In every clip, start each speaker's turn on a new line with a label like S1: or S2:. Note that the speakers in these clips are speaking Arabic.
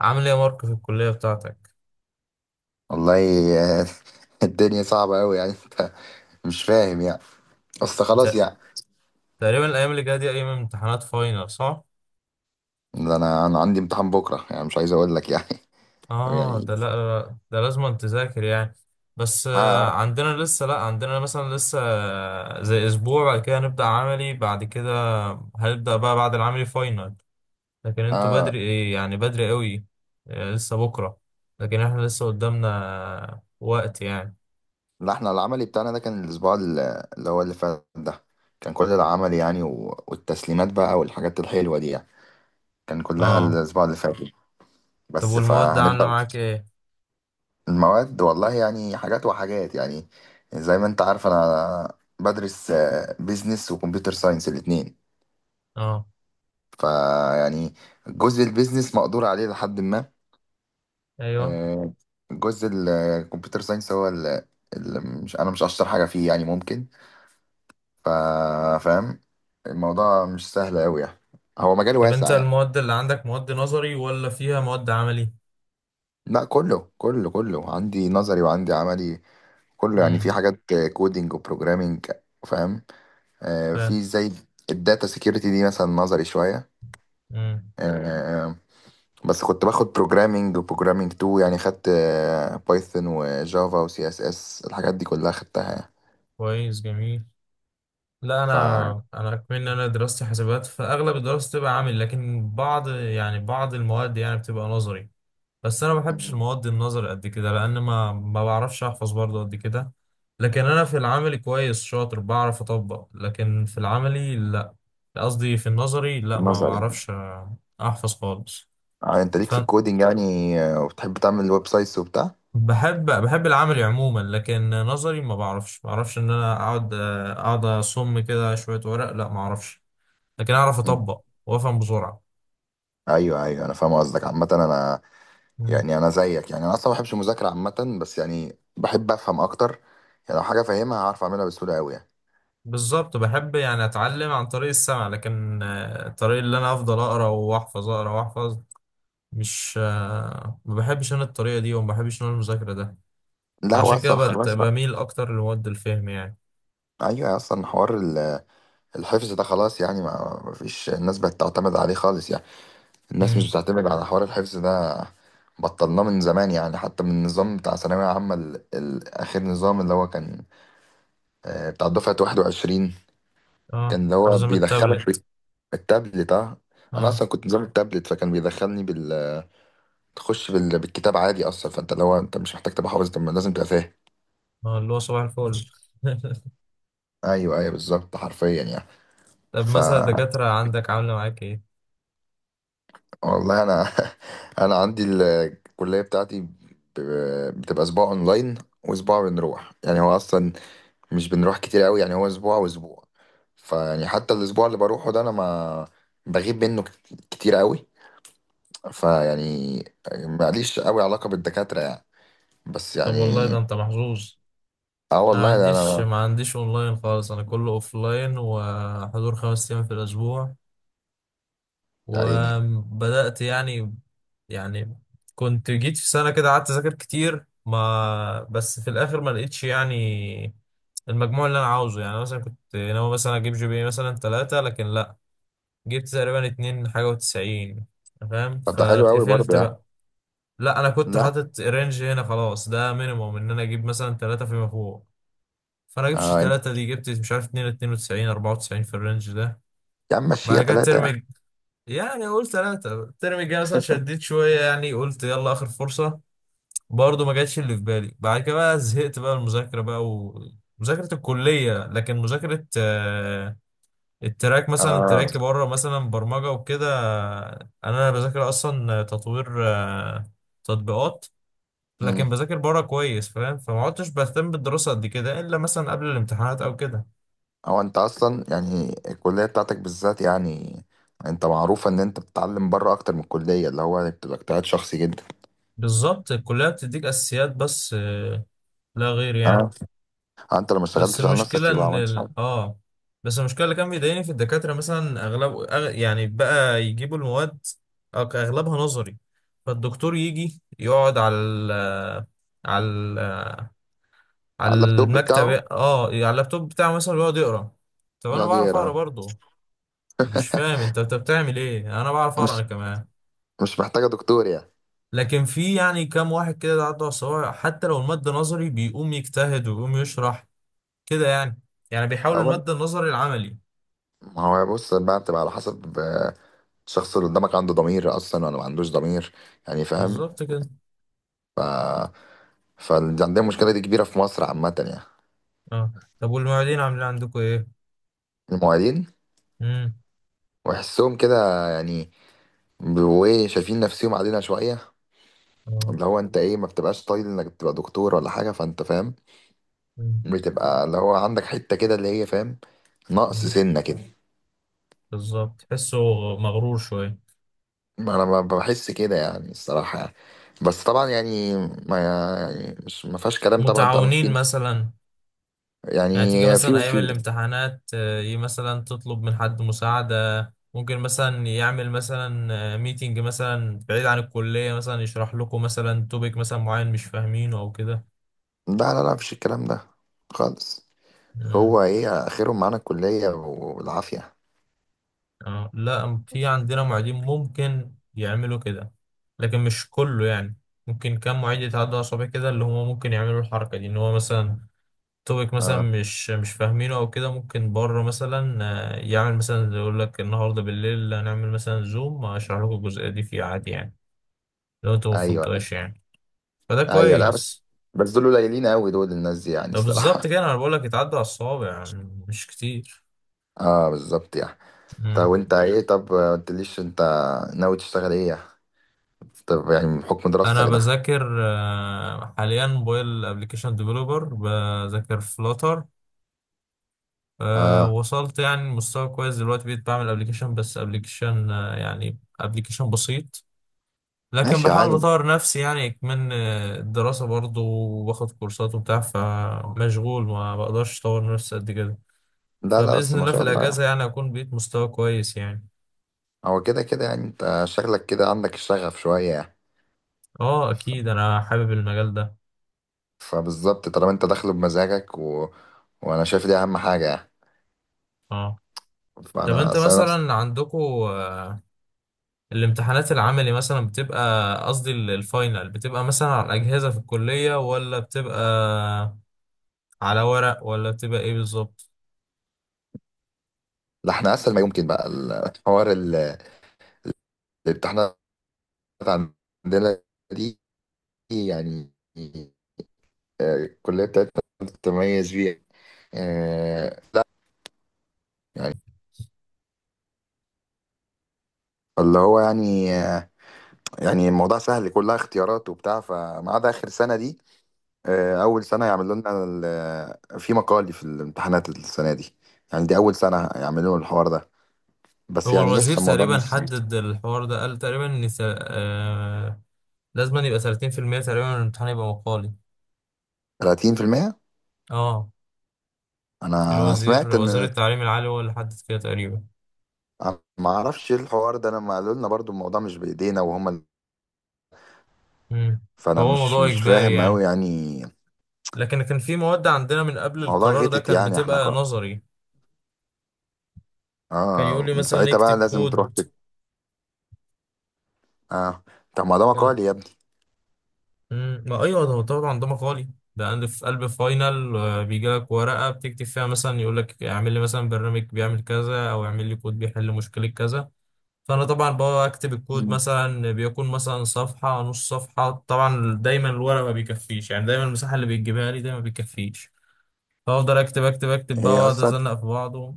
S1: عامل ايه يا مارك في الكلية بتاعتك؟
S2: والله. آه، الدنيا صعبة أوي يعني. أنت مش فاهم يعني، أصل خلاص
S1: بت-
S2: يعني.
S1: تقريبا الأيام اللي جاية دي أيام امتحانات فاينل، صح؟
S2: ده أنا عندي امتحان بكرة، يعني مش عايز أقول لك يعني.
S1: اه ده
S2: يعني
S1: لا لا، ده لازم أن تذاكر يعني. بس
S2: آه
S1: عندنا لسه، لا عندنا مثلا لسه زي أسبوع بعد كده هنبدأ عملي بعد كده. هنبدأ بقى بعد العملي فاينل، لكن انتوا
S2: آه
S1: بدري ايه، يعني بدري قوي. لسه بكرة، لكن احنا لسه قدامنا وقت يعني.
S2: لا، إحنا العملي بتاعنا ده كان الأسبوع اللي هو اللي فات ده، كان كل العمل يعني، والتسليمات بقى والحاجات الحلوة دي يعني، كان كلها
S1: اه،
S2: الأسبوع اللي فات،
S1: طب
S2: بس
S1: والمواد عاملة
S2: فهنبدأ.
S1: معاك ايه؟
S2: المواد والله يعني حاجات وحاجات يعني. زي ما أنت عارف أنا بدرس بيزنس وكمبيوتر ساينس الاتنين،
S1: اه.
S2: فيعني جزء البيزنس مقدور عليه لحد ما.
S1: ايوه.
S2: آه، جزء الكمبيوتر ساينس هو اللي مش، انا مش اشطر حاجه فيه يعني، ممكن ف- فاهم. الموضوع مش سهل قوي يعني، هو مجال
S1: طب انت
S2: واسع يعني.
S1: المواد اللي عندك مواد نظري ولا فيها مواد عملي؟
S2: لا، كله عندي نظري وعندي عملي، كله يعني، في
S1: امم.
S2: حاجات كودينج وبروجرامينج. فاهم؟
S1: فاهم.
S2: في زي الداتا سيكيورتي دي مثلا نظري شويه،
S1: امم.
S2: بس كنت باخد بروجرامينج وبروجرامينج 2 يعني، خدت بايثون وجافا وسي اس اس الحاجات دي كلها خدتها يعني.
S1: كويس، جميل. لا
S2: ف
S1: انا كمان انا دراستي حسابات، فاغلب الدراسه بتبقى عملي، لكن بعض يعني بعض المواد يعني بتبقى نظري. بس انا ما بحبش
S2: مم.
S1: المواد النظري قد كده لان ما بعرفش احفظ برضه قد كده. لكن انا في العملي كويس، شاطر بعرف اطبق، لكن في العملي لا، قصدي في النظري لا، ما
S2: نظري.
S1: بعرفش احفظ خالص.
S2: انت ليك
S1: ف...
S2: في الكودينج يعني، وبتحب تعمل ويب سايتس وبتاع.
S1: بحب العملي عموما، لكن نظري ما بعرفش، ما بعرفش ان انا اقعد اصم كده شويه ورق، لا ما اعرفش. لكن اعرف
S2: مم.
S1: اطبق وافهم بسرعه.
S2: ايوه، ايوه انا فاهم قصدك. عامة انا،
S1: مم.
S2: يعني انا زيك يعني، انا اصلا ما بحبش المذاكرة عامة، بس يعني بحب افهم اكتر يعني. لو حاجة فاهمها هعرف اعملها بسهولة قوي يعني.
S1: بالظبط، بحب يعني اتعلم عن طريق السمع، لكن الطريق اللي انا افضل اقرا واحفظ، اقرا واحفظ، مش آه، ما بحبش انا الطريقه دي، وما بحبش انا المذاكره ده.
S2: لا، هو
S1: فعشان كده
S2: اصلا خلاص بقى.
S1: بميل اكتر لمواد الفهم يعني.
S2: ايوه، اصلا حوار الحفظ ده خلاص يعني، ما فيش الناس بقت تعتمد عليه خالص يعني، الناس مش
S1: مم.
S2: بتعتمد على حوار الحفظ ده، بطلناه من زمان يعني. حتى من النظام بتاع ثانوية عامة، آخر نظام اللي هو كان بتاع دفعة 21، كان
S1: اه،
S2: اللي هو
S1: نظام
S2: بيدخلك
S1: التابلت.
S2: بالتابلت. اه، أنا
S1: اه.
S2: أصلا كنت نظام التابلت، فكان بيدخلني بالكتاب عادي أصلا. فأنت اللي هو أنت مش محتاج تبقى حافظ، طب ما لازم تبقى فاهم.
S1: اللي هو صباح الفل.
S2: أيوه، أيوه، بالظبط حرفيا يعني.
S1: طب
S2: ف
S1: مثلا الدكاترة عندك عاملة معاك ايه؟
S2: والله أنا، أنا عندي الكلية بتاعتي بتبقى أسبوع أونلاين، وأسبوع بنروح يعني. هو أصلا مش بنروح كتير قوي يعني، هو اسبوع واسبوع، فيعني حتى الاسبوع اللي بروحه ده انا ما بغيب منه كتير قوي، فيعني ماليش قوي علاقة بالدكاترة يعني، بس
S1: طب
S2: يعني.
S1: والله، ده انت محظوظ.
S2: اه
S1: انا ما
S2: والله، ده
S1: عنديش،
S2: انا.
S1: ما عنديش اونلاين خالص، انا كله اوفلاين وحضور 5 ايام في الاسبوع.
S2: يا عيني.
S1: وبدأت يعني، يعني كنت جيت في سنة كده قعدت اذاكر كتير، ما بس في الاخر ما لقيتش يعني المجموع اللي انا عاوزه. يعني مثلا كنت ناوي مثلا اجيب جي بي اي مثلا 3، لكن لا، جبت تقريبا 2.92، فاهم؟
S2: طب ده حلو قوي برضه
S1: فاتقفلت
S2: يعني.
S1: بقى. لا انا كنت
S2: لا.
S1: حاطط رينج هنا خلاص، ده مينيموم ان انا اجيب مثلا 3 فيما فوق. فانا جبتش
S2: آه، انت،
S1: 3 دي، جبت مش عارف 2 92 94 في الرينج ده.
S2: يا عم
S1: بعد
S2: مشيها
S1: كده
S2: ثلاثة يعني.
S1: الترم يعني قلت 3 الترم الجاي مثلا، شديت شوية، يعني قلت يلا اخر فرصة. برضه ما جاتش اللي في بالي. بعد كده بقى زهقت بقى المذاكرة بقى، ومذاكرة الكلية. لكن مذاكرة التراك مثلا،
S2: اه.
S1: تراك بره مثلا، برمجة وكده. انا بذاكر اصلا تطوير تطبيقات.
S2: امم
S1: لكن بذاكر بره كويس، فاهم؟ فما عدتش بهتم بالدراسة قد كده إلا مثلا قبل الامتحانات أو كده.
S2: هو انت اصلا يعني الكلية بتاعتك بالذات يعني، انت معروف ان انت بتتعلم بره اكتر من الكلية، اللي هو بتبقى اجتهاد شخصي جدا.
S1: بالظبط، الكلية بتديك أساسيات بس لا غير يعني.
S2: اه. انت لو ما
S1: بس
S2: اشتغلتش على
S1: المشكلة
S2: نفسك يبقى ما
S1: إن
S2: عملتش حاجة.
S1: ال... آه بس المشكلة اللي كان بيضايقني في الدكاترة مثلا أغلب، يعني بقى يجيبوا المواد أغلبها نظري. فالدكتور يجي يقعد على على ال... على
S2: على اللابتوب
S1: المكتب،
S2: بتاعه؟
S1: آه على اللابتوب بتاعه مثلا، ويقعد يقرأ. طب أنا
S2: يقعد
S1: بعرف أقرأ
S2: يقرا؟
S1: برضه. مش فاهم، أنت بتعمل إيه؟ أنا بعرف أقرأ أنا
S2: مش
S1: كمان.
S2: مش محتاجة دكتور يعني.
S1: لكن في يعني كام واحد كده عنده عصبية، حتى لو المادة نظري بيقوم يجتهد ويقوم يشرح كده يعني. يعني بيحول
S2: أول
S1: المادة النظري العملي.
S2: ما هو، بص بقى، بتبقى على حسب الشخص اللي قدامك، عنده ضمير أصلا ولا ما عندوش ضمير. يعني فاهم.
S1: بالظبط كده.
S2: ف فاللي عندنا المشكلة دي كبيرة في مصر عامة يعني.
S1: اه. طب والمعيدين عاملين عندكم ايه؟
S2: المعيدين
S1: امم.
S2: ويحسهم كده، يعني وإيه، شايفين نفسهم علينا شوية،
S1: اه.
S2: اللي هو أنت إيه، ما بتبقاش طايل إنك تبقى دكتور ولا حاجة. فأنت فاهم،
S1: مم.
S2: بتبقى اللي هو عندك حتة كده اللي هي، فاهم، نقص
S1: مم.
S2: سنة كده.
S1: بالظبط، تحسه مغرور شوية.
S2: ما انا بحس كده يعني الصراحه يعني. بس طبعا يعني، ما يعني، مش ما فيهاش كلام طبعا. طبعا
S1: متعاونين
S2: في
S1: مثلا؟
S2: يعني،
S1: يعني تيجي
S2: في
S1: مثلا أيام
S2: وفي. لا،
S1: الامتحانات مثلا تطلب من حد مساعدة، ممكن مثلا يعمل مثلا ميتنج مثلا بعيد عن الكلية، مثلا يشرح لكم مثلا توبيك مثلا معين مش فاهمينه أو كده.
S2: لا، لا، مفيش الكلام ده خالص. هو
S1: مم.
S2: ايه اخرهم؟ معانا الكليه والعافيه.
S1: اه، لا في عندنا معيدين ممكن يعملوا كده، لكن مش كله يعني. ممكن كم معيد يتعدوا على صباع كده اللي هم ممكن يعملوا الحركة دي، ان هو مثلا توبيك مثلا
S2: اه.
S1: مش فاهمينه او كده، ممكن بره مثلا يعمل مثلا يقول لك النهارده بالليل هنعمل مثلا زوم اشرح لكم الجزئية دي، في عادي يعني لو انتوا ما
S2: ايوه،
S1: فهمتوهاش يعني. فده
S2: ايوه، لا بس
S1: كويس.
S2: بس دول قليلين قوي دول، الناس دي يعني
S1: ده بالظبط
S2: الصراحه.
S1: كده انا بقول لك، يتعدوا على الصوابع يعني، مش كتير.
S2: اه، بالظبط يعني. طب وانت ايه؟ طب ما قلتليش انت ناوي تشتغل ايه يعني؟ طب يعني من حكم
S1: انا
S2: دراستك ده.
S1: بذاكر حاليا موبايل ابلكيشن ديفلوبر، بذاكر فلوتر.
S2: اه.
S1: وصلت يعني مستوى كويس دلوقتي، بقيت بعمل ابلكيشن، بس ابلكيشن يعني ابلكيشن بسيط. لكن
S2: ماشي
S1: بحاول
S2: عادي.
S1: اطور نفسي يعني. كمان الدراسة برضو، وباخد كورسات وبتاع، فمشغول ما بقدرش اطور نفسي قد كده.
S2: لا، لا بس،
S1: فبإذن
S2: ما
S1: الله
S2: شاء
S1: في
S2: الله يعني.
S1: الأجازة يعني أكون بقيت مستوى كويس يعني.
S2: هو كده كده يعني، انت شغلك كده عندك الشغف شوية يعني.
S1: اه
S2: ف-
S1: أكيد، أنا حابب المجال ده.
S2: فبالظبط، طالما انت داخله بمزاجك وانا شايف دي اهم حاجة يعني.
S1: اه. طب
S2: فانا
S1: أنت
S2: أصل أنا نفس.
S1: مثلا عندكم الامتحانات العملي مثلا بتبقى، قصدي الفاينل بتبقى مثلا على الأجهزة في الكلية، ولا بتبقى على ورق، ولا بتبقى ايه بالظبط؟
S2: لا، احنا اسهل ما يمكن بقى. الحوار الامتحانات عندنا دي يعني، الكلية بتاعتنا بتتميز بيها. آه، يعني اللي هو يعني آه، يعني الموضوع سهل، كلها اختيارات وبتاع، فما عدا اخر سنة دي، اول سنه يعملوا لنا في مقالي في الامتحانات السنه دي، يعني دي اول سنه يعملوا الحوار ده، بس
S1: هو
S2: يعني
S1: الوزير
S2: ايش، الموضوع
S1: تقريبا
S2: مش
S1: حدد الحوار ده، قال تقريبا ان لازم أن يبقى 30% تقريبا من الامتحان يبقى مقالي.
S2: 30%.
S1: اه
S2: انا
S1: الوزير،
S2: سمعت
S1: وزير
S2: ان،
S1: التعليم العالي هو اللي حدد كده تقريبا.
S2: أنا ما اعرفش ايه الحوار ده. انا ما قالوا لنا برضو، الموضوع مش بايدينا وهم
S1: امم.
S2: فانا
S1: فهو
S2: مش
S1: موضوع
S2: مش
S1: إجباري
S2: فاهم قوي
S1: يعني.
S2: يعني.
S1: لكن كان في مواد عندنا من قبل
S2: الموضوع
S1: القرار ده
S2: غتت
S1: كان
S2: يعني، احنا
S1: بتبقى
S2: كنا.
S1: نظري، كان يقول
S2: اه،
S1: لي
S2: من
S1: مثلا
S2: ساعتها بقى
S1: اكتب
S2: لازم تروح
S1: كود.
S2: كده. اه. طب ما ده مقالي يا ابني.
S1: مم. ما ايوه، ده هو طبعا ده مقالي. ده عندي في قلب فاينل بيجي لك ورقه بتكتب فيها، مثلا يقول لك اعمل لي مثلا برنامج بيعمل كذا، او اعمل لي كود بيحل مشكله كذا. فانا طبعا بكتب الكود،
S2: مم.
S1: مثلا بيكون مثلا صفحه، نص صفحه، طبعا دايما الورق ما بيكفيش يعني، دايما المساحه اللي بيجيبها لي ده ما بيكفيش. فافضل اكتب اكتب اكتب بقى،
S2: هي
S1: واقعد
S2: اصلا
S1: ازنق في بعضه.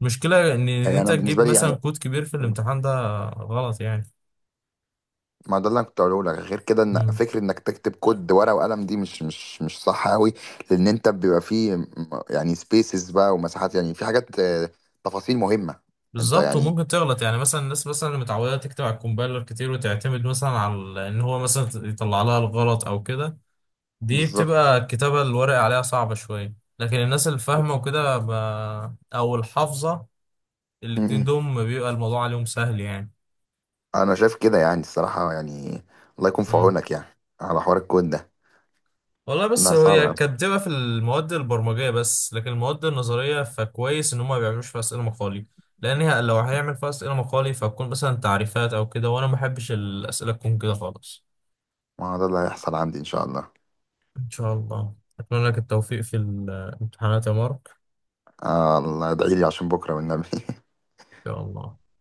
S1: المشكله إن
S2: هي
S1: انت
S2: انا
S1: تجيب
S2: بالنسبه لي
S1: مثلا
S2: يعني،
S1: كود كبير في الامتحان ده غلط يعني.
S2: ما ده اللي انا كنت هقوله لك، غير كده، ان فكره انك تكتب كود ورقه وقلم دي، مش صح قوي، لان انت بيبقى فيه يعني سبيسز بقى ومساحات يعني، في حاجات تفاصيل مهمه. انت
S1: بالظبط،
S2: يعني.
S1: وممكن تغلط يعني، مثلا الناس مثلا اللي متعوده تكتب على الكومبايلر كتير وتعتمد مثلا على ان هو مثلا يطلع لها الغلط او كده، دي
S2: بالظبط.
S1: بتبقى الكتابه الورق عليها صعبه شويه. لكن الناس اللي فاهمه وكده او الحافظه،
S2: م-
S1: الاتنين
S2: م.
S1: دول بيبقى الموضوع عليهم سهل يعني.
S2: انا شايف كده يعني الصراحه يعني. الله يكون في
S1: مم.
S2: عونك يعني على حوار الكود ده.
S1: والله بس
S2: لا،
S1: هو،
S2: صعب
S1: هي
S2: قوي.
S1: كانت بتبقى في المواد البرمجيه بس. لكن المواد النظريه فكويس ان هم ما بيعملوش فيها اسئله مقالي، لان لو هيعمل فيها اسئله مقالي فهتكون مثلا تعريفات او كده، وانا ما بحبش الاسئله تكون كده خالص.
S2: ما هو ده اللي هيحصل عندي ان شاء الله.
S1: إن شاء الله أتمنى لك التوفيق في الامتحانات يا مارك.
S2: آه، الله ادعي لي عشان بكره والنبي.
S1: إن شاء الله.